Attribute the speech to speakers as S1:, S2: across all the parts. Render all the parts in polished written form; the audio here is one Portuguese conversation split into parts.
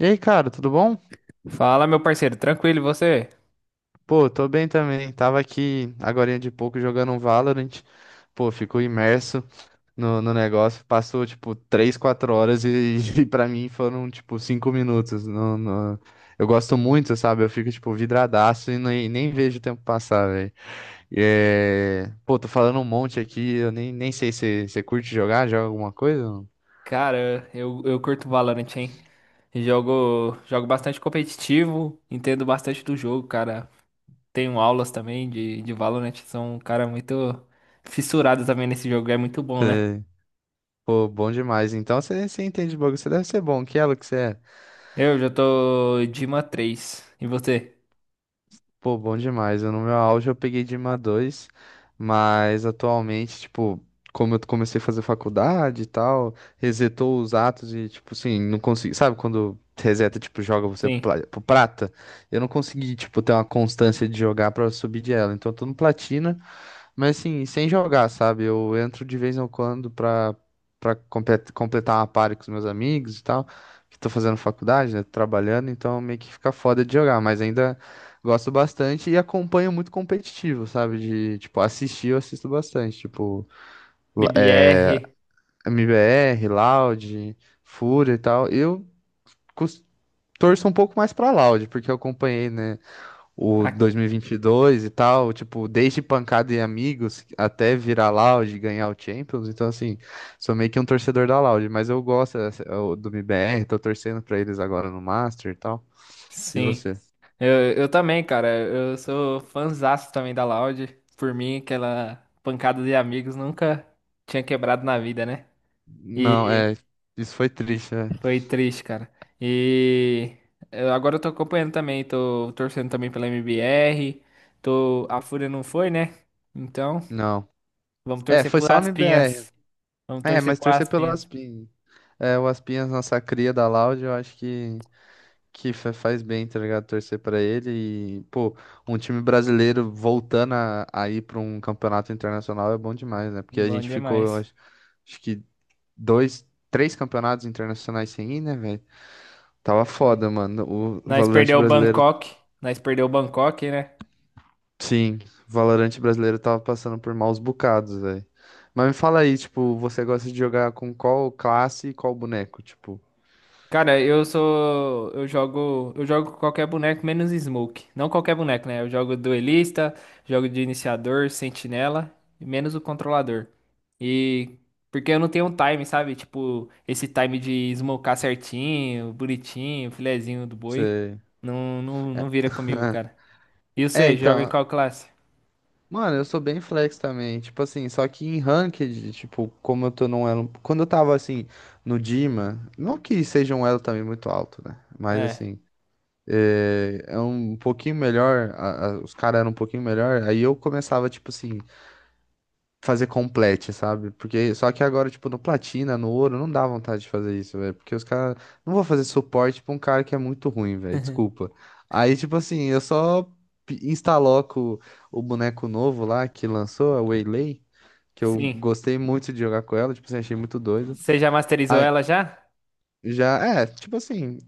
S1: E aí, cara, tudo bom?
S2: Fala, meu parceiro, tranquilo, e você?
S1: Pô, tô bem também. Tava aqui agorinha de pouco jogando um Valorant. Pô, fico imerso no negócio. Passou, tipo, 3, 4 horas e, e pra mim foram, tipo, 5 minutos. Eu gosto muito, sabe? Eu fico, tipo, vidradaço e nem vejo o tempo passar, velho. Pô, tô falando um monte aqui. Eu nem sei se você curte jogar, joga alguma coisa?
S2: Cara, eu curto Valorant, hein? Jogo bastante competitivo, entendo bastante do jogo, cara. Tenho aulas também de Valorant, sou um cara muito fissurado também nesse jogo, é muito bom, né?
S1: Sei. Pô, bom demais. Então você entende de bagulho. Você deve ser bom. Que elo que você é?
S2: Eu já tô Dima 3 e você?
S1: Pô, bom demais. Eu, no meu auge eu peguei Dima dois, mas atualmente, tipo, como eu comecei a fazer faculdade e tal, resetou os atos e, tipo, assim, não consegui. Sabe quando reseta, tipo, joga você
S2: Sim.
S1: pro prata? Eu não consegui, tipo, ter uma constância de jogar pra subir de ela. Então eu tô no platina. Mas assim, sem jogar, sabe? Eu entro de vez em quando pra, pra completar uma party com os meus amigos e tal, que tô fazendo faculdade, né? Trabalhando, então meio que fica foda de jogar, mas ainda gosto bastante e acompanho muito competitivo, sabe? De, tipo, assistir, eu assisto bastante, tipo, la- eh,
S2: BBR,
S1: MBR, Loud, Fúria e tal. Eu cus- torço um pouco mais pra Loud, porque eu acompanhei, né? O
S2: ah,
S1: 2022 e vinte e dois e tal, tipo, desde Pancada e Amigos até virar Loud e ganhar o Champions. Então, assim, sou meio que um torcedor da Loud, mas eu gosto do MBR, tô torcendo pra eles agora no Master e tal. E
S2: sim.
S1: você?
S2: Eu também, cara, eu sou fãzaço também da Loud. Por mim, aquela pancada de amigos nunca tinha quebrado na vida, né?
S1: Não,
S2: E
S1: é, isso foi triste, né?
S2: foi triste, cara. E agora eu tô acompanhando também, tô torcendo também pela MBR. Tô... A Fúria não foi, né? Então,
S1: Não.
S2: vamos
S1: É,
S2: torcer
S1: foi
S2: por
S1: só o MBR.
S2: Aspinhas. Vamos
S1: É,
S2: torcer
S1: mas
S2: por
S1: torcer pelo
S2: Aspinhas.
S1: Aspin. É, o Aspinhas, nossa cria da Loud, eu acho que que faz bem, tá ligado? Torcer pra ele e, pô, um time brasileiro voltando a ir pra um campeonato internacional é bom demais, né? Porque a
S2: Bom
S1: gente ficou, eu
S2: demais.
S1: acho, acho que dois, três campeonatos internacionais sem ir, né, velho? Tava
S2: Foi.
S1: foda, mano.
S2: Nós perdeu o Bangkok. Nós perdeu o Bangkok, né?
S1: Sim, o Valorante brasileiro tava passando por maus bocados, velho. Mas me fala aí, tipo, você gosta de jogar com qual classe e qual boneco? Tipo,
S2: Cara, eu sou. Eu jogo. Eu jogo com qualquer boneco menos Smoke. Não qualquer boneco, né? Eu jogo duelista, jogo de iniciador, sentinela, e menos o controlador. E. Porque eu não tenho um time, sabe? Tipo, esse time de smocar certinho, bonitinho, filezinho do boi.
S1: você.
S2: Não vira comigo, cara. E
S1: É,
S2: você, joga em
S1: então.
S2: qual classe?
S1: Mano, eu sou bem flex também, tipo assim, só que em ranked, tipo, como eu tô num elo, quando eu tava assim no Dima, não que seja um elo também muito alto, né? Mas
S2: É.
S1: assim, é, é um pouquinho melhor, os caras eram um pouquinho melhor, aí eu começava tipo assim, fazer complete, sabe? Porque só que agora, tipo, no platina, no ouro, não dá vontade de fazer isso, velho. Porque os caras não vou fazer suporte pra um cara que é muito ruim, velho. Desculpa. Aí, tipo assim, eu só instaloco o boneco novo lá que lançou, a Waylay, que eu
S2: Sim.
S1: gostei muito de jogar com ela, tipo assim, achei muito doido.
S2: Você já masterizou
S1: Aí
S2: ela já?
S1: já, é, tipo assim,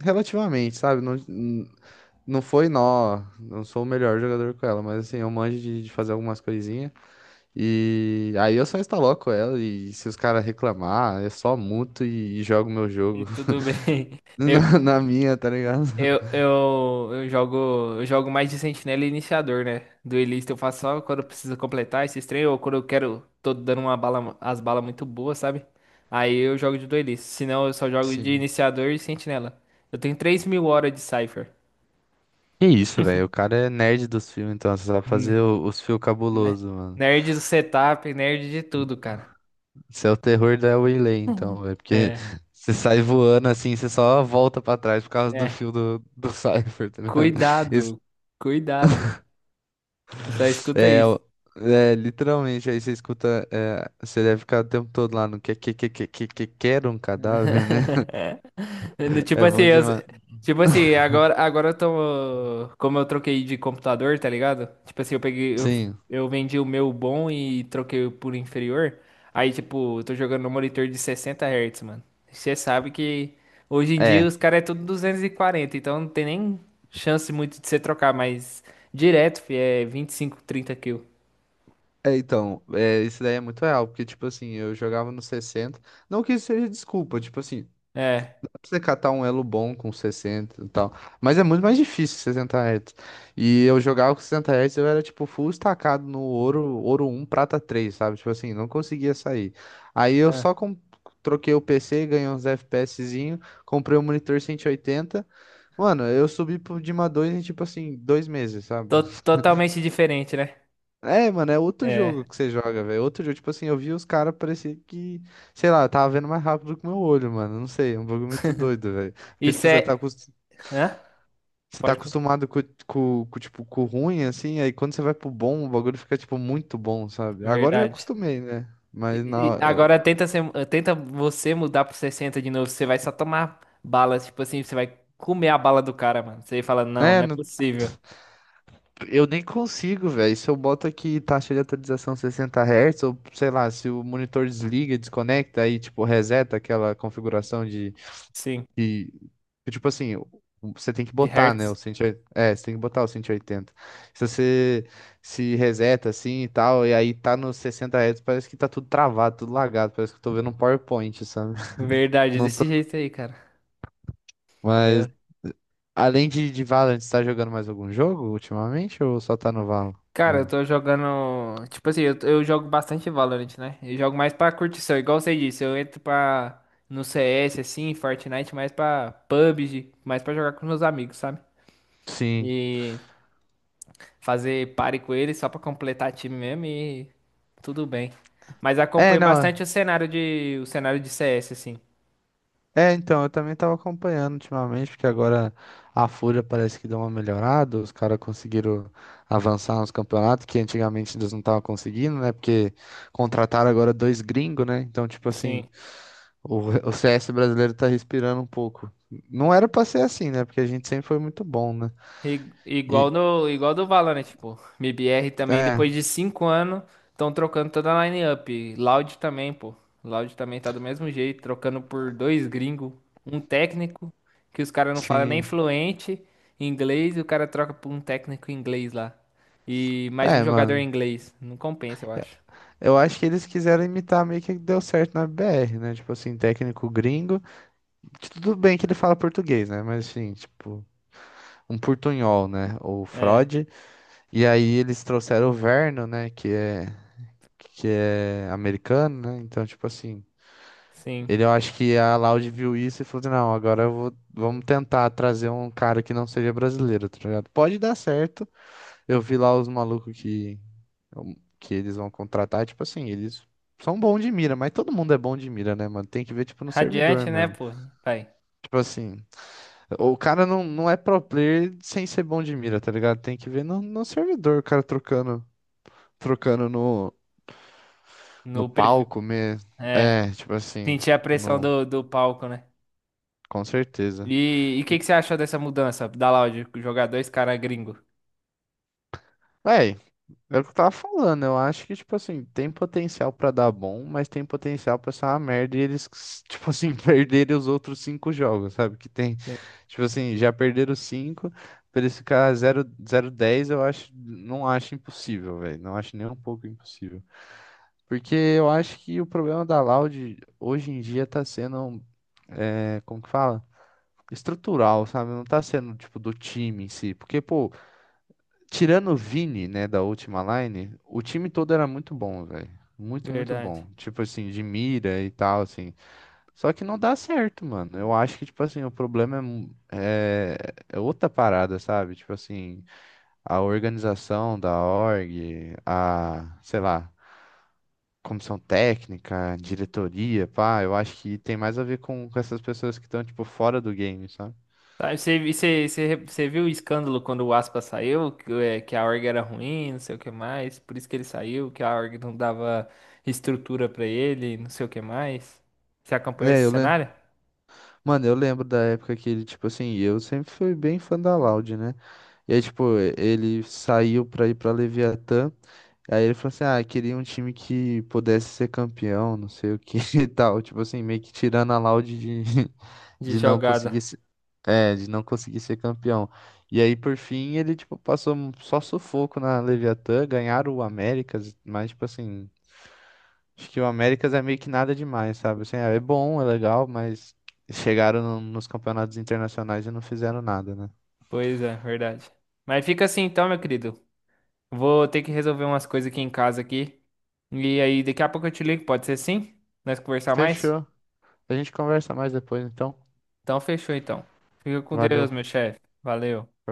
S1: relativamente, sabe? Não foi nó, não sou o melhor jogador com ela, mas assim, eu manjo de fazer algumas coisinhas. E aí eu só instaloco ela e se os caras reclamar, eu só muto e jogo meu
S2: E
S1: jogo
S2: tudo bem.
S1: na minha, tá ligado?
S2: Eu, eu, eu jogo, eu jogo mais de sentinela e iniciador, né? Duelista eu faço só quando eu preciso completar esse trem ou quando eu quero, tô dando uma bala, as balas muito boas, sabe? Aí eu jogo de duelista. Senão eu só jogo de
S1: Sim.
S2: iniciador e sentinela. Eu tenho 3.000 horas de Cypher.
S1: Que isso, velho. O cara é nerd dos fios, então você sabe fazer
S2: Né?
S1: os fios
S2: Né?
S1: cabuloso, mano.
S2: Nerd do setup, nerd de tudo, cara.
S1: Você é o terror da Waylay, então, velho. Porque
S2: É,
S1: você sai voando assim, você só volta pra trás por causa do
S2: é.
S1: fio do Cypher, tá ligado? Isso
S2: Cuidado, Cuidado. Só escuta
S1: é, o-
S2: isso.
S1: é literalmente, aí você escuta, é, você deve ficar o tempo todo lá no que quer um cadáver, né?
S2: No- Tipo
S1: É
S2: assim,
S1: bom
S2: eu-
S1: demais.
S2: agora eu tô. Como eu troquei de computador, tá ligado?
S1: Sim,
S2: Eu vendi o meu bom e troquei por inferior. Aí, tipo, eu tô jogando no monitor de 60 Hz, mano. Você sabe que hoje em dia
S1: é.
S2: os caras é tudo 240, então não tem nem chance muito de você trocar, mas direto, fi, é 25, 30 quilos.
S1: É, então, é, isso daí é muito real, porque, tipo assim, eu jogava no 60, não que isso seja desculpa, tipo assim,
S2: É.
S1: dá pra você catar um elo bom com 60 e tal, mas é muito mais difícil 60 Hz. E eu jogava com 60 Hz, eu era, tipo, full estacado no ouro, ouro um prata três, sabe? Tipo assim, não conseguia sair. Aí eu
S2: Ah.
S1: só troquei o PC, ganhei uns FPSzinho, comprei um monitor 180, mano, eu subi pro Dima 2 em, tipo assim, 2 meses, sabe?
S2: To- totalmente diferente, né?
S1: É, mano, é outro jogo
S2: É.
S1: que você joga, velho. Outro jogo, tipo assim, eu vi os caras, parecia que, sei lá, eu tava vendo mais rápido que o meu olho, mano. Não sei, é um bagulho muito doido, velho. Porque,
S2: Isso
S1: tipo,
S2: é. Hã?
S1: você tá
S2: Pode,
S1: acostumado com, tipo, com o ruim, assim, aí quando você vai pro bom, o bagulho fica, tipo, muito bom, sabe? Agora eu já
S2: verdade.
S1: acostumei, né? Mas
S2: E- e
S1: na.
S2: agora tenta ser, tenta você mudar pro 60 de novo, você vai só tomar bala, tipo assim, você vai comer a bala do cara, mano. Você fala, não
S1: É,
S2: é
S1: no-
S2: possível.
S1: eu nem consigo, velho. Se eu boto aqui taxa de atualização 60 Hz, ou sei lá, se o monitor desliga, desconecta, aí, tipo, reseta aquela configuração
S2: Sim,
S1: e, que, tipo assim, você tem que
S2: de
S1: botar, né, o
S2: Hertz.
S1: 180, é, você tem que botar o 180. Se você se reseta assim e tal, e aí tá nos 60 Hz, parece que tá tudo travado, tudo lagado, parece que eu tô vendo um PowerPoint, sabe?
S2: Verdade,
S1: Não tô...
S2: desse jeito aí, cara. Eu-
S1: Mas, além de Valorant, você tá jogando mais algum jogo ultimamente ou só tá no Valorant
S2: Cara, eu
S1: mesmo?
S2: tô jogando, tipo assim, eu jogo bastante Valorant, né? Eu jogo mais pra curtição, igual você disse, eu entro pra, no CS, assim, Fortnite, mais pra PUBG, mais pra jogar com meus amigos, sabe?
S1: Sim.
S2: E... fazer pare com ele só pra completar time mesmo e tudo bem. Mas
S1: É,
S2: acompanho
S1: não.
S2: bastante o cenário de CS assim.
S1: É, então, eu também tava acompanhando ultimamente, porque agora a Fúria parece que deu uma melhorada, os caras conseguiram avançar nos campeonatos, que antigamente eles não estavam conseguindo, né? Porque contrataram agora 2 gringos, né? Então, tipo assim,
S2: Sim.
S1: o, o CS brasileiro tá respirando um pouco. Não era pra ser assim, né? Porque a gente sempre foi muito bom, né?
S2: I- igual
S1: E,
S2: no igual do Valorant, tipo, MBR também
S1: é,
S2: depois de 5 anos estão trocando toda a line-up. Loud também, pô. Loud também tá do mesmo jeito, trocando por 2 gringos, um técnico que os caras não falam nem
S1: sim.
S2: fluente inglês e o cara troca por um técnico inglês lá. E mais um
S1: É,
S2: jogador
S1: mano,
S2: inglês. Não compensa, eu acho.
S1: eu acho que eles quiseram imitar meio que deu certo na BR, né? Tipo assim, técnico gringo. Tudo bem que ele fala português, né? Mas assim, tipo, um portunhol, né? O
S2: É.
S1: Freud. E aí eles trouxeram o Verno, né? Que é americano, né? Então, tipo assim.
S2: Sim.
S1: Ele, eu acho que a Laude viu isso e falou assim, não, agora eu vou, vamos tentar trazer um cara que não seja brasileiro, tá ligado? Pode dar certo. Eu vi lá os malucos que eles vão contratar, tipo assim, eles são bons de mira, mas todo mundo é bom de mira, né, mano? Tem que ver, tipo, no servidor
S2: Radiante, né,
S1: mesmo.
S2: pô? Pai.
S1: Tipo assim, o cara não, não é pro player sem ser bom de mira, tá ligado? Tem que ver no servidor, o cara trocando, trocando no
S2: No PV...
S1: palco mesmo.
S2: É,
S1: É, tipo assim,
S2: sentir a pressão
S1: no,
S2: do, do palco, né?
S1: com certeza.
S2: E o que, que você achou dessa mudança da Loud, jogar 2 caras gringo?
S1: Véi, era o que eu tava falando, eu acho que, tipo assim, tem potencial pra dar bom, mas tem potencial pra ser uma merda e eles, tipo assim, perderem os outros 5 jogos, sabe? Que tem,
S2: Sim,
S1: tipo assim, já perderam 5, pra eles ficar 0-0-10, eu acho, não acho impossível, velho. Não acho nem um pouco impossível. Porque eu acho que o problema da Loud hoje em dia tá sendo, é, como que fala? Estrutural, sabe? Não tá sendo, tipo, do time em si. Porque, pô, tirando o Vini, né, da última line, o time todo era muito bom, velho. Muito, muito
S2: verdade.
S1: bom. Tipo assim, de mira e tal, assim. Só que não dá certo, mano. Eu acho que, tipo assim, o problema é, é outra parada, sabe? Tipo assim, a organização da org, a, sei lá, comissão técnica, diretoria, pá. Eu acho que tem mais a ver com essas pessoas que estão, tipo, fora do game, sabe?
S2: Tá, e você viu o escândalo quando o Aspa saiu? Que, é, que a org era ruim, não sei o que mais. Por isso que ele saiu, que a org não dava estrutura pra ele, não sei o que mais. Você acompanhou
S1: É,
S2: esse
S1: eu lembro.
S2: cenário?
S1: Mano, eu lembro da época que ele, tipo assim, eu sempre fui bem fã da Loud, né? E aí, tipo, ele saiu pra ir pra Leviatã. Aí ele falou assim: ah, queria um time que pudesse ser campeão, não sei o que e tal. Tipo assim, meio que tirando a laude de,
S2: De
S1: de não
S2: jogada.
S1: conseguir se- de não conseguir ser campeão. E aí, por fim, ele, tipo, passou só sufoco na Leviatã, ganharam o Américas, mas, tipo assim, acho que o Américas é meio que nada demais, sabe? Assim, é bom, é legal, mas chegaram nos campeonatos internacionais e não fizeram nada, né?
S2: Pois é, verdade. Mas fica assim então, meu querido. Vou ter que resolver umas coisas aqui em casa aqui. E aí, daqui a pouco eu te ligo, pode ser sim? Nós conversar mais?
S1: Fechou. A gente conversa mais depois, então.
S2: Então fechou então. Fica com Deus,
S1: Valeu.
S2: meu chefe. Valeu.